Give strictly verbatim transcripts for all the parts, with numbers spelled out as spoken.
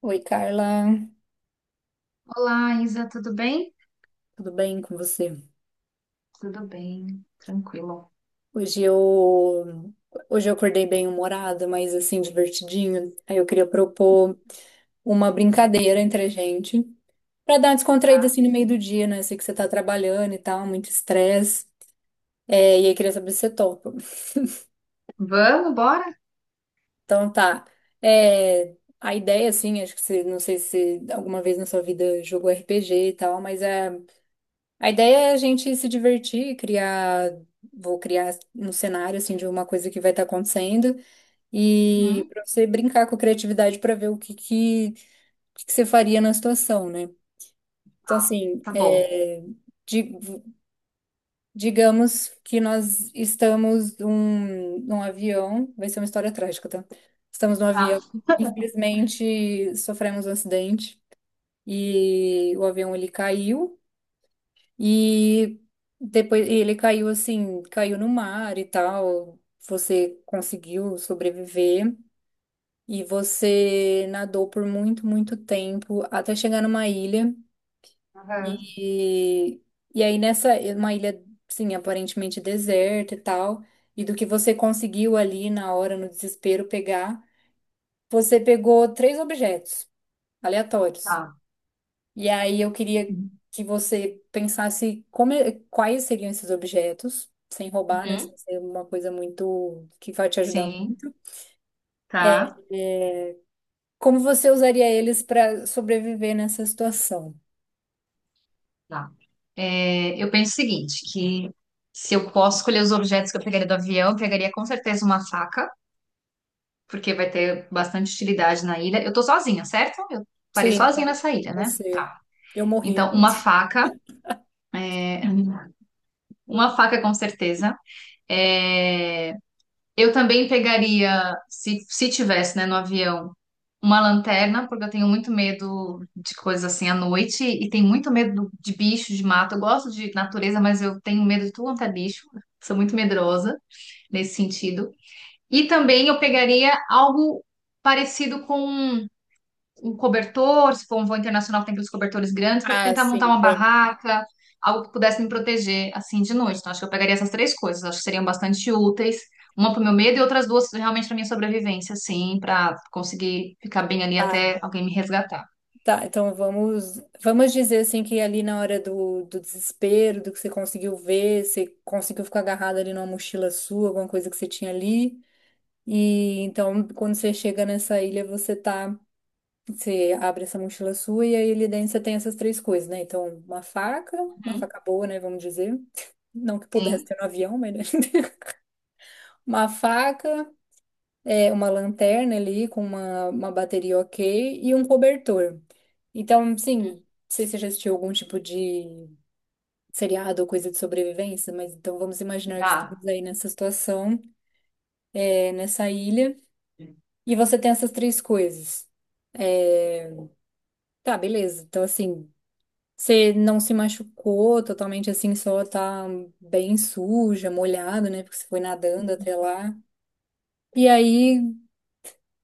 Oi, Carla, Olá, Isa, tudo bem? tudo bem com você? Tudo bem, tranquilo. Hoje eu hoje eu acordei bem humorada, mas assim divertidinha. Aí eu queria propor uma brincadeira entre a gente pra dar uma descontraída Tá. assim no meio do dia, né? Sei que você tá trabalhando e tal, muito estresse. É, e aí queria saber se você topa. Vamos, bora? Então tá. É, a ideia assim, acho que você não sei se alguma vez na sua vida jogou R P G e tal, mas é A ideia é a gente se divertir, criar, vou criar um cenário assim de uma coisa que vai estar acontecendo e Uhum. para você brincar com a criatividade para ver o que que, o que que você faria na situação, né? Então Tá, assim, tá bom. é, di- digamos que nós estamos num, num avião, vai ser uma história trágica, tá? Estamos num avião, Tá. infelizmente sofremos um acidente e o avião ele caiu. E depois ele caiu assim, caiu no mar e tal. Você conseguiu sobreviver e você nadou por muito, muito tempo até chegar numa ilha. Aham. E, e aí nessa, uma ilha, sim, aparentemente deserta e tal. E do que você conseguiu ali na hora, no desespero, pegar, você pegou três objetos aleatórios. Tá. E aí eu queria Uhum. que você pensasse como é- quais seriam esses objetos, sem roubar, né? Uhum. Sem ser uma coisa muito que vai te ajudar muito. Sim, tá. Como você usaria eles para sobreviver nessa situação? Tá. É, eu penso o seguinte, que se eu posso escolher os objetos que eu pegaria do avião, eu pegaria com certeza uma faca, porque vai ter bastante utilidade na ilha. Eu tô sozinha, certo? Eu parei Sim, sozinha então nessa ilha, né? você. Tá. Eu morri. Então, uma faca, é, uma faca com certeza. É, eu também pegaria, se, se tivesse, né, no avião, uma lanterna, porque eu tenho muito medo de coisas assim à noite e tenho muito medo de bicho, de mato. Eu gosto de natureza, mas eu tenho medo de tudo quanto é bicho. Sou muito medrosa nesse sentido. E também eu pegaria algo parecido com um cobertor, se for um voo internacional, tem aqueles cobertores grandes, para Ah, tentar montar sim, uma tem. barraca, algo que pudesse me proteger assim de noite. Então, acho que eu pegaria essas três coisas, acho que seriam bastante úteis, uma para o meu medo e outras duas realmente para minha sobrevivência, assim, para conseguir ficar bem ali Tá, até alguém me resgatar. tá. Então vamos, vamos dizer assim que ali na hora do, do desespero, do que você conseguiu ver, você conseguiu ficar agarrado ali numa mochila sua, alguma coisa que você tinha ali. E então, quando você chega nessa ilha, você tá Você abre essa mochila sua e aí ali dentro você tem essas três coisas, né? Então, uma faca, uma Uhum. faca boa, né? Vamos dizer. Não que pudesse Sim, ter no avião, mas, né? Uma faca, é, uma lanterna ali com uma, uma bateria ok e um cobertor. Então, sim, não sei se você já assistiu algum tipo de seriado ou coisa de sobrevivência, mas então vamos imaginar que já. estamos aí nessa situação, é, nessa ilha, e você tem essas três coisas. É, tá, beleza. Então, assim. Você não se machucou totalmente assim, só tá bem suja, molhado, né? Porque você foi nadando até lá. E aí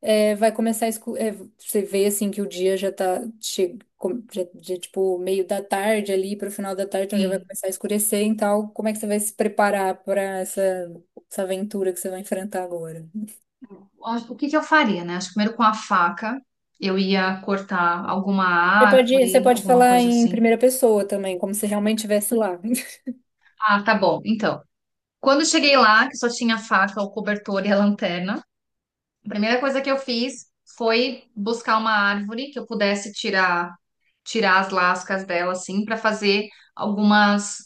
é, vai começar a escu é, você vê assim que o dia já tá che com- já, já, tipo meio da tarde ali para o final da tarde, então já vai Sim. começar a escurecer e tal. Como é que você vai se preparar para essa, essa aventura que você vai enfrentar agora? O que que eu faria, né? Acho que primeiro com a faca eu ia cortar alguma Você pode, você árvore, pode alguma falar coisa em assim. primeira pessoa também, como se realmente estivesse lá. Ah, tá bom. Então, quando eu cheguei lá, que só tinha a faca, o cobertor e a lanterna, a primeira coisa que eu fiz foi buscar uma árvore que eu pudesse tirar tirar as lascas dela assim para fazer algumas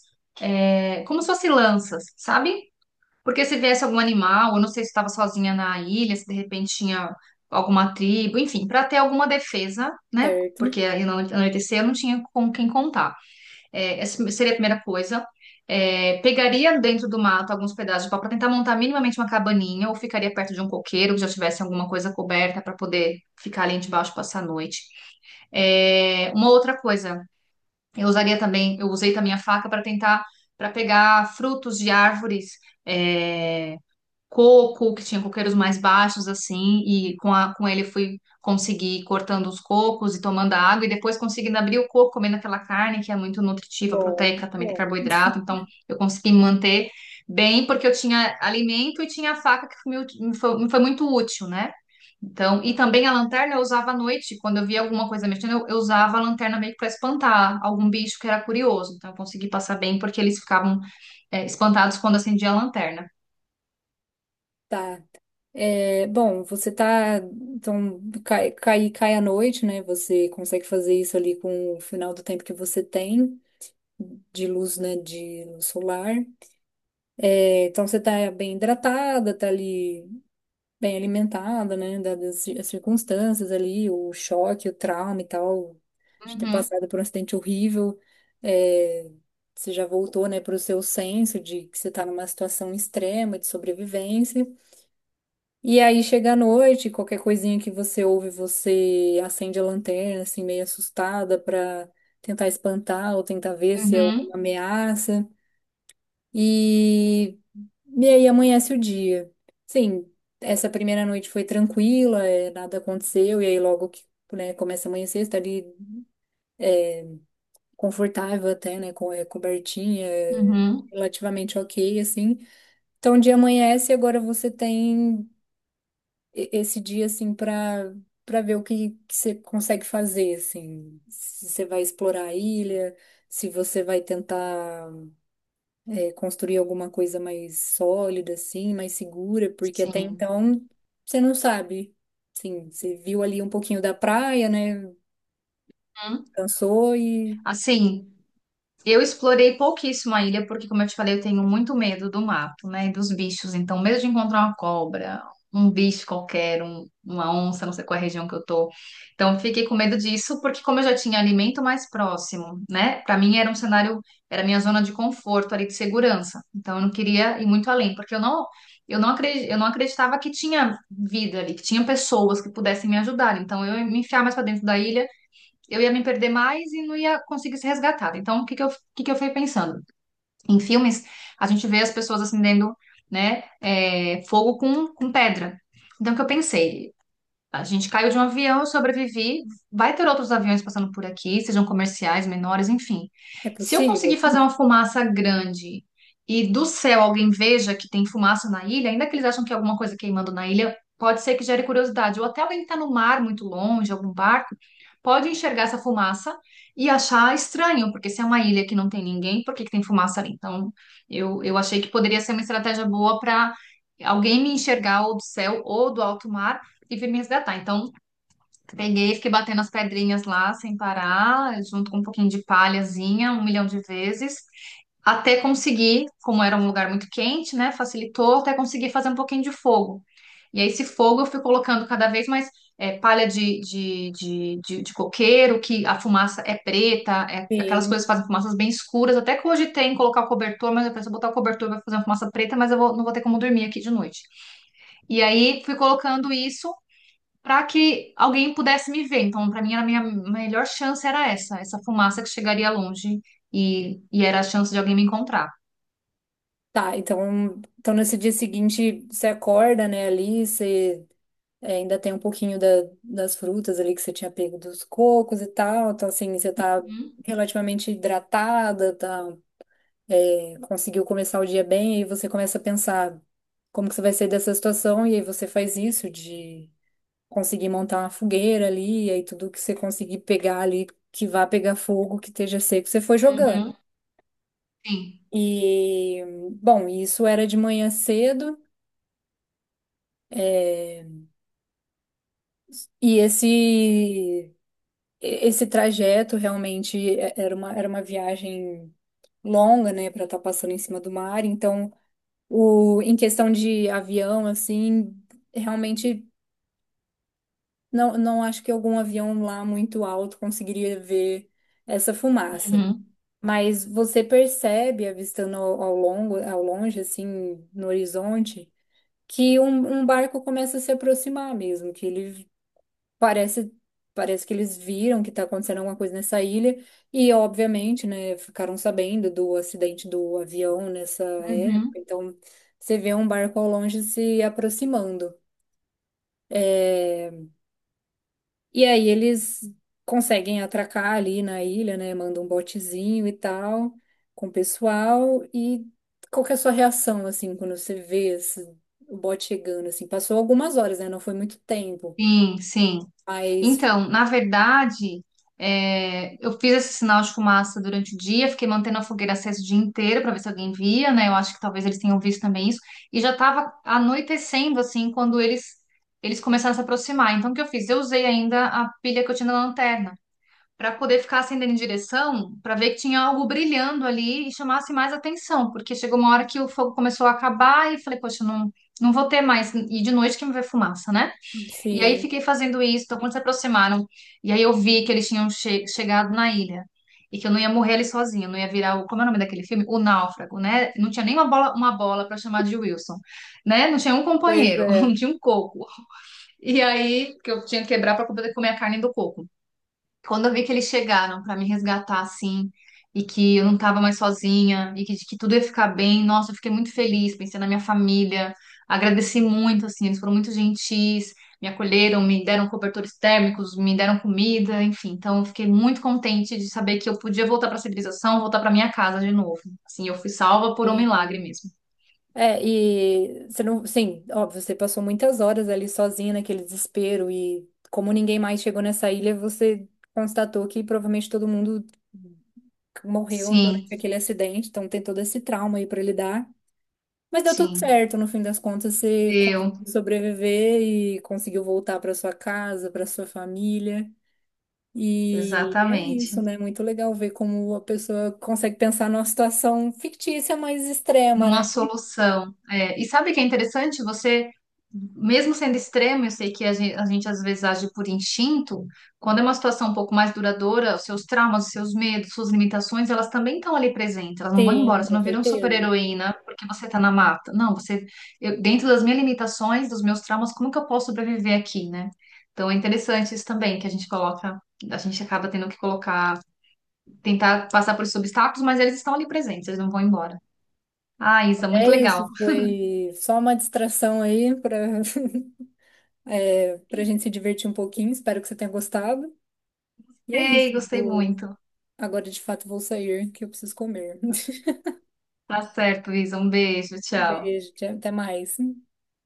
é, como se fossem lanças, sabe? Porque se viesse algum animal, eu não sei se estava sozinha na ilha, se de repente tinha alguma tribo, enfim, para ter alguma defesa, né? Porque Certo? aí no anoitecer eu não tinha com quem contar. É, essa seria a primeira coisa. É, pegaria dentro do mato alguns pedaços de pau para tentar montar minimamente uma cabaninha, ou ficaria perto de um coqueiro que já tivesse alguma coisa coberta para poder ficar ali debaixo e passar a noite. É, uma outra coisa, eu usaria também, eu usei também a faca para tentar, para pegar frutos de árvores é, coco, que tinha coqueiros mais baixos, assim, e com, a, com ele eu fui conseguir ir cortando os cocos e tomando a água, e depois conseguindo abrir o coco, comendo aquela carne que é muito nutritiva, Bom, proteica, também tem bom. carboidrato, então eu consegui me manter bem, porque eu tinha alimento e tinha a faca que me, me foi, me foi muito útil, né? Então, e também a lanterna eu usava à noite, quando eu via alguma coisa mexendo, eu, eu usava a lanterna meio que para espantar algum bicho que era curioso, então eu consegui passar bem, porque eles ficavam, é, espantados quando acendia a lanterna. Tá. É, bom, você tá, então, cai, cai, cai à noite, né? Você consegue fazer isso ali com o final do tempo que você tem de luz, né? De luz solar. É, então, você tá bem hidratada, tá ali bem alimentada, né? Dadas as ci- as circunstâncias ali, o choque, o trauma e tal, de ter Uhum, passado por um acidente horrível. É, você já voltou, né, para o seu senso de que você tá numa situação extrema de sobrevivência. E aí chega a noite, qualquer coisinha que você ouve, você acende a lanterna, assim, meio assustada pra tentar espantar ou tentar ver se é uhum. alguma ameaça. E, e aí amanhece o dia. Sim, essa primeira noite foi tranquila, é, nada aconteceu, e aí logo que, né, começa a amanhecer, você tá ali confortável até, né, com é, cobertinha, é, Uhum, relativamente ok, assim. Então o dia amanhece e agora você tem e- esse dia assim para para ver o que que você consegue fazer assim, se você vai explorar a ilha, se você vai tentar é, construir alguma coisa mais sólida assim, mais segura, porque até sim. então você não sabe. Sim, você viu ali um pouquinho da praia, né? Uhum. Cansou e Assim, eu explorei pouquíssimo a ilha, porque, como eu te falei, eu tenho muito medo do mato, né? E dos bichos. Então, medo de encontrar uma cobra, um bicho qualquer, um- uma onça, não sei qual é a região que eu tô. Então, eu fiquei com medo disso, porque, como eu já tinha alimento mais próximo, né? Para mim era um cenário, era a minha zona de conforto ali, de segurança. Então, eu não queria ir muito além, porque eu não. Eu não acredi- eu não acreditava que tinha vida ali, que tinha pessoas que pudessem me ajudar. Então, eu ia me enfiar mais para dentro da ilha. Eu ia me perder mais e não ia conseguir ser resgatada. Então, o que que eu, o que que eu fui pensando? Em filmes, a gente vê as pessoas acendendo, né, é, fogo com, com pedra. Então, o que eu pensei? A gente caiu de um avião, eu sobrevivi. Vai ter outros aviões passando por aqui, sejam comerciais, menores, enfim. é Se eu conseguir possível. fazer uma fumaça grande e do céu alguém veja que tem fumaça na ilha, ainda que eles acham que é alguma coisa queimando na ilha, pode ser que gere curiosidade. Ou até alguém que está no mar muito longe, algum barco, pode enxergar essa fumaça e achar estranho, porque se é uma ilha que não tem ninguém, por que que tem fumaça ali? Então, eu, eu achei que poderia ser uma estratégia boa para alguém me enxergar ou do céu ou do alto mar e veio me resgatar. Então, peguei, fiquei batendo as pedrinhas lá sem parar, junto com um pouquinho de palhazinha, um milhão de vezes, até conseguir, como era um lugar muito quente, né? Facilitou, até conseguir fazer um pouquinho de fogo. E aí, esse fogo eu fui colocando cada vez mais é, palha de, de, de, de, de coqueiro, que a fumaça é preta, é, aquelas coisas que Sim. fazem fumaças bem escuras. Até que hoje tem colocar o cobertor, mas eu penso, botar o cobertor vai fazer uma fumaça preta, mas eu vou- não vou ter como dormir aqui de noite. E aí fui colocando isso para que alguém pudesse me ver. Então, para mim, era a minha melhor chance era essa, essa fumaça que chegaria longe e, e era a chance de alguém me encontrar. Tá, então, então nesse dia seguinte você acorda, né, ali, você é, ainda tem um pouquinho da- das frutas ali que você tinha pego dos cocos e tal. Então, assim, você tá Uhum, relativamente hidratada, tá, é, conseguiu começar o dia bem, e aí você começa a pensar como que você vai sair dessa situação, e aí você faz isso de conseguir montar uma fogueira ali, e aí tudo que você conseguir pegar ali, que vá pegar fogo, que esteja seco, você foi jogando. uhum, sim, E, bom, isso era de manhã cedo. É, e esse esse trajeto realmente é- era uma, era uma viagem longa, né, para estar passando em cima do mar. Então, o, em questão de avião, assim, realmente não, não acho que algum avião lá muito alto conseguiria ver essa fumaça. uhum, Mas você percebe, avistando ao ao longo, ao longe, assim, no horizonte, que um, um barco começa a se aproximar mesmo, que ele Parece, parece que eles viram que tá acontecendo alguma coisa nessa ilha e, obviamente, né, ficaram sabendo do acidente do avião nessa uhum, época. Então, você vê um barco ao longe se aproximando. E aí eles conseguem atracar ali na ilha, né, mandam um botezinho e tal com o pessoal. E qual que é a sua reação, assim, quando você vê esse, o bote chegando, assim? Passou algumas horas, né, não foi muito tempo, sim, sim. mas, Então, na verdade, é, eu fiz esse sinal de fumaça durante o dia, fiquei mantendo a fogueira acesa o dia inteiro para ver se alguém via, né? Eu acho que talvez eles tenham visto também isso. E já estava anoitecendo, assim, quando eles eles começaram a se aproximar. Então, o que eu fiz? Eu usei ainda a pilha que eu tinha na lanterna, para poder ficar acendendo em direção, para ver que tinha algo brilhando ali e chamasse mais atenção, porque chegou uma hora que o fogo começou a acabar e falei, poxa, não, não vou ter mais. E de noite que me vê fumaça, né? E aí sim, fiquei fazendo isso, então quando se aproximaram, e aí eu vi que eles tinham che- chegado na ilha. E que eu não ia morrer ali sozinha, não ia virar o, como é o nome daquele filme? O Náufrago, né? Não tinha nem uma bola, uma bola para chamar de Wilson, né? Não tinha um pois companheiro, não é. tinha um coco. E aí que eu tinha que quebrar para poder comer a carne do coco. Quando eu vi que eles chegaram pra me resgatar assim, e que eu não tava mais sozinha, e que, que tudo ia ficar bem, nossa, eu fiquei muito feliz, pensei na minha família, agradeci muito, assim, eles foram muito gentis, me acolheram, me deram cobertores térmicos, me deram comida, enfim, então eu fiquei muito contente de saber que eu podia voltar pra civilização, voltar pra minha casa de novo. Assim, eu fui salva por um milagre mesmo. É, e você não, sim, óbvio, você passou muitas horas ali sozinha naquele desespero e como ninguém mais chegou nessa ilha, você constatou que provavelmente todo mundo morreu Sim, durante aquele acidente, então tem todo esse trauma aí pra lidar. Mas deu tudo sim, certo, no fim das contas você deu, conseguiu sobreviver e conseguiu voltar pra sua casa, pra sua família. E é exatamente. isso, né? Muito legal ver como a pessoa consegue pensar numa situação fictícia, mas extrema, né? Numa solução. É, e sabe o que é interessante? Você, mesmo sendo extremo, eu sei que a gente, a gente às vezes age por instinto, quando é uma situação um pouco mais duradoura, os seus traumas, os seus medos, suas limitações, elas também estão ali presentes, elas não vão embora, Sim, você com não vira um certeza. super-heroína porque você tá na mata. Não, você, eu- dentro das minhas limitações, dos meus traumas, como que eu posso sobreviver aqui, né? Então é interessante isso também, que a gente coloca, a gente acaba tendo que colocar, tentar passar por esses obstáculos, mas eles estão ali presentes, eles não vão embora. Ah, Isa, É muito legal. isso, foi só uma distração aí para é, para gente se divertir um pouquinho. Espero que você tenha gostado. E é isso. Ei, gostei vou- muito. Agora de fato vou sair, que eu preciso comer. Tá certo, Isa. Um beijo, tchau. Beijo, tchau, até mais.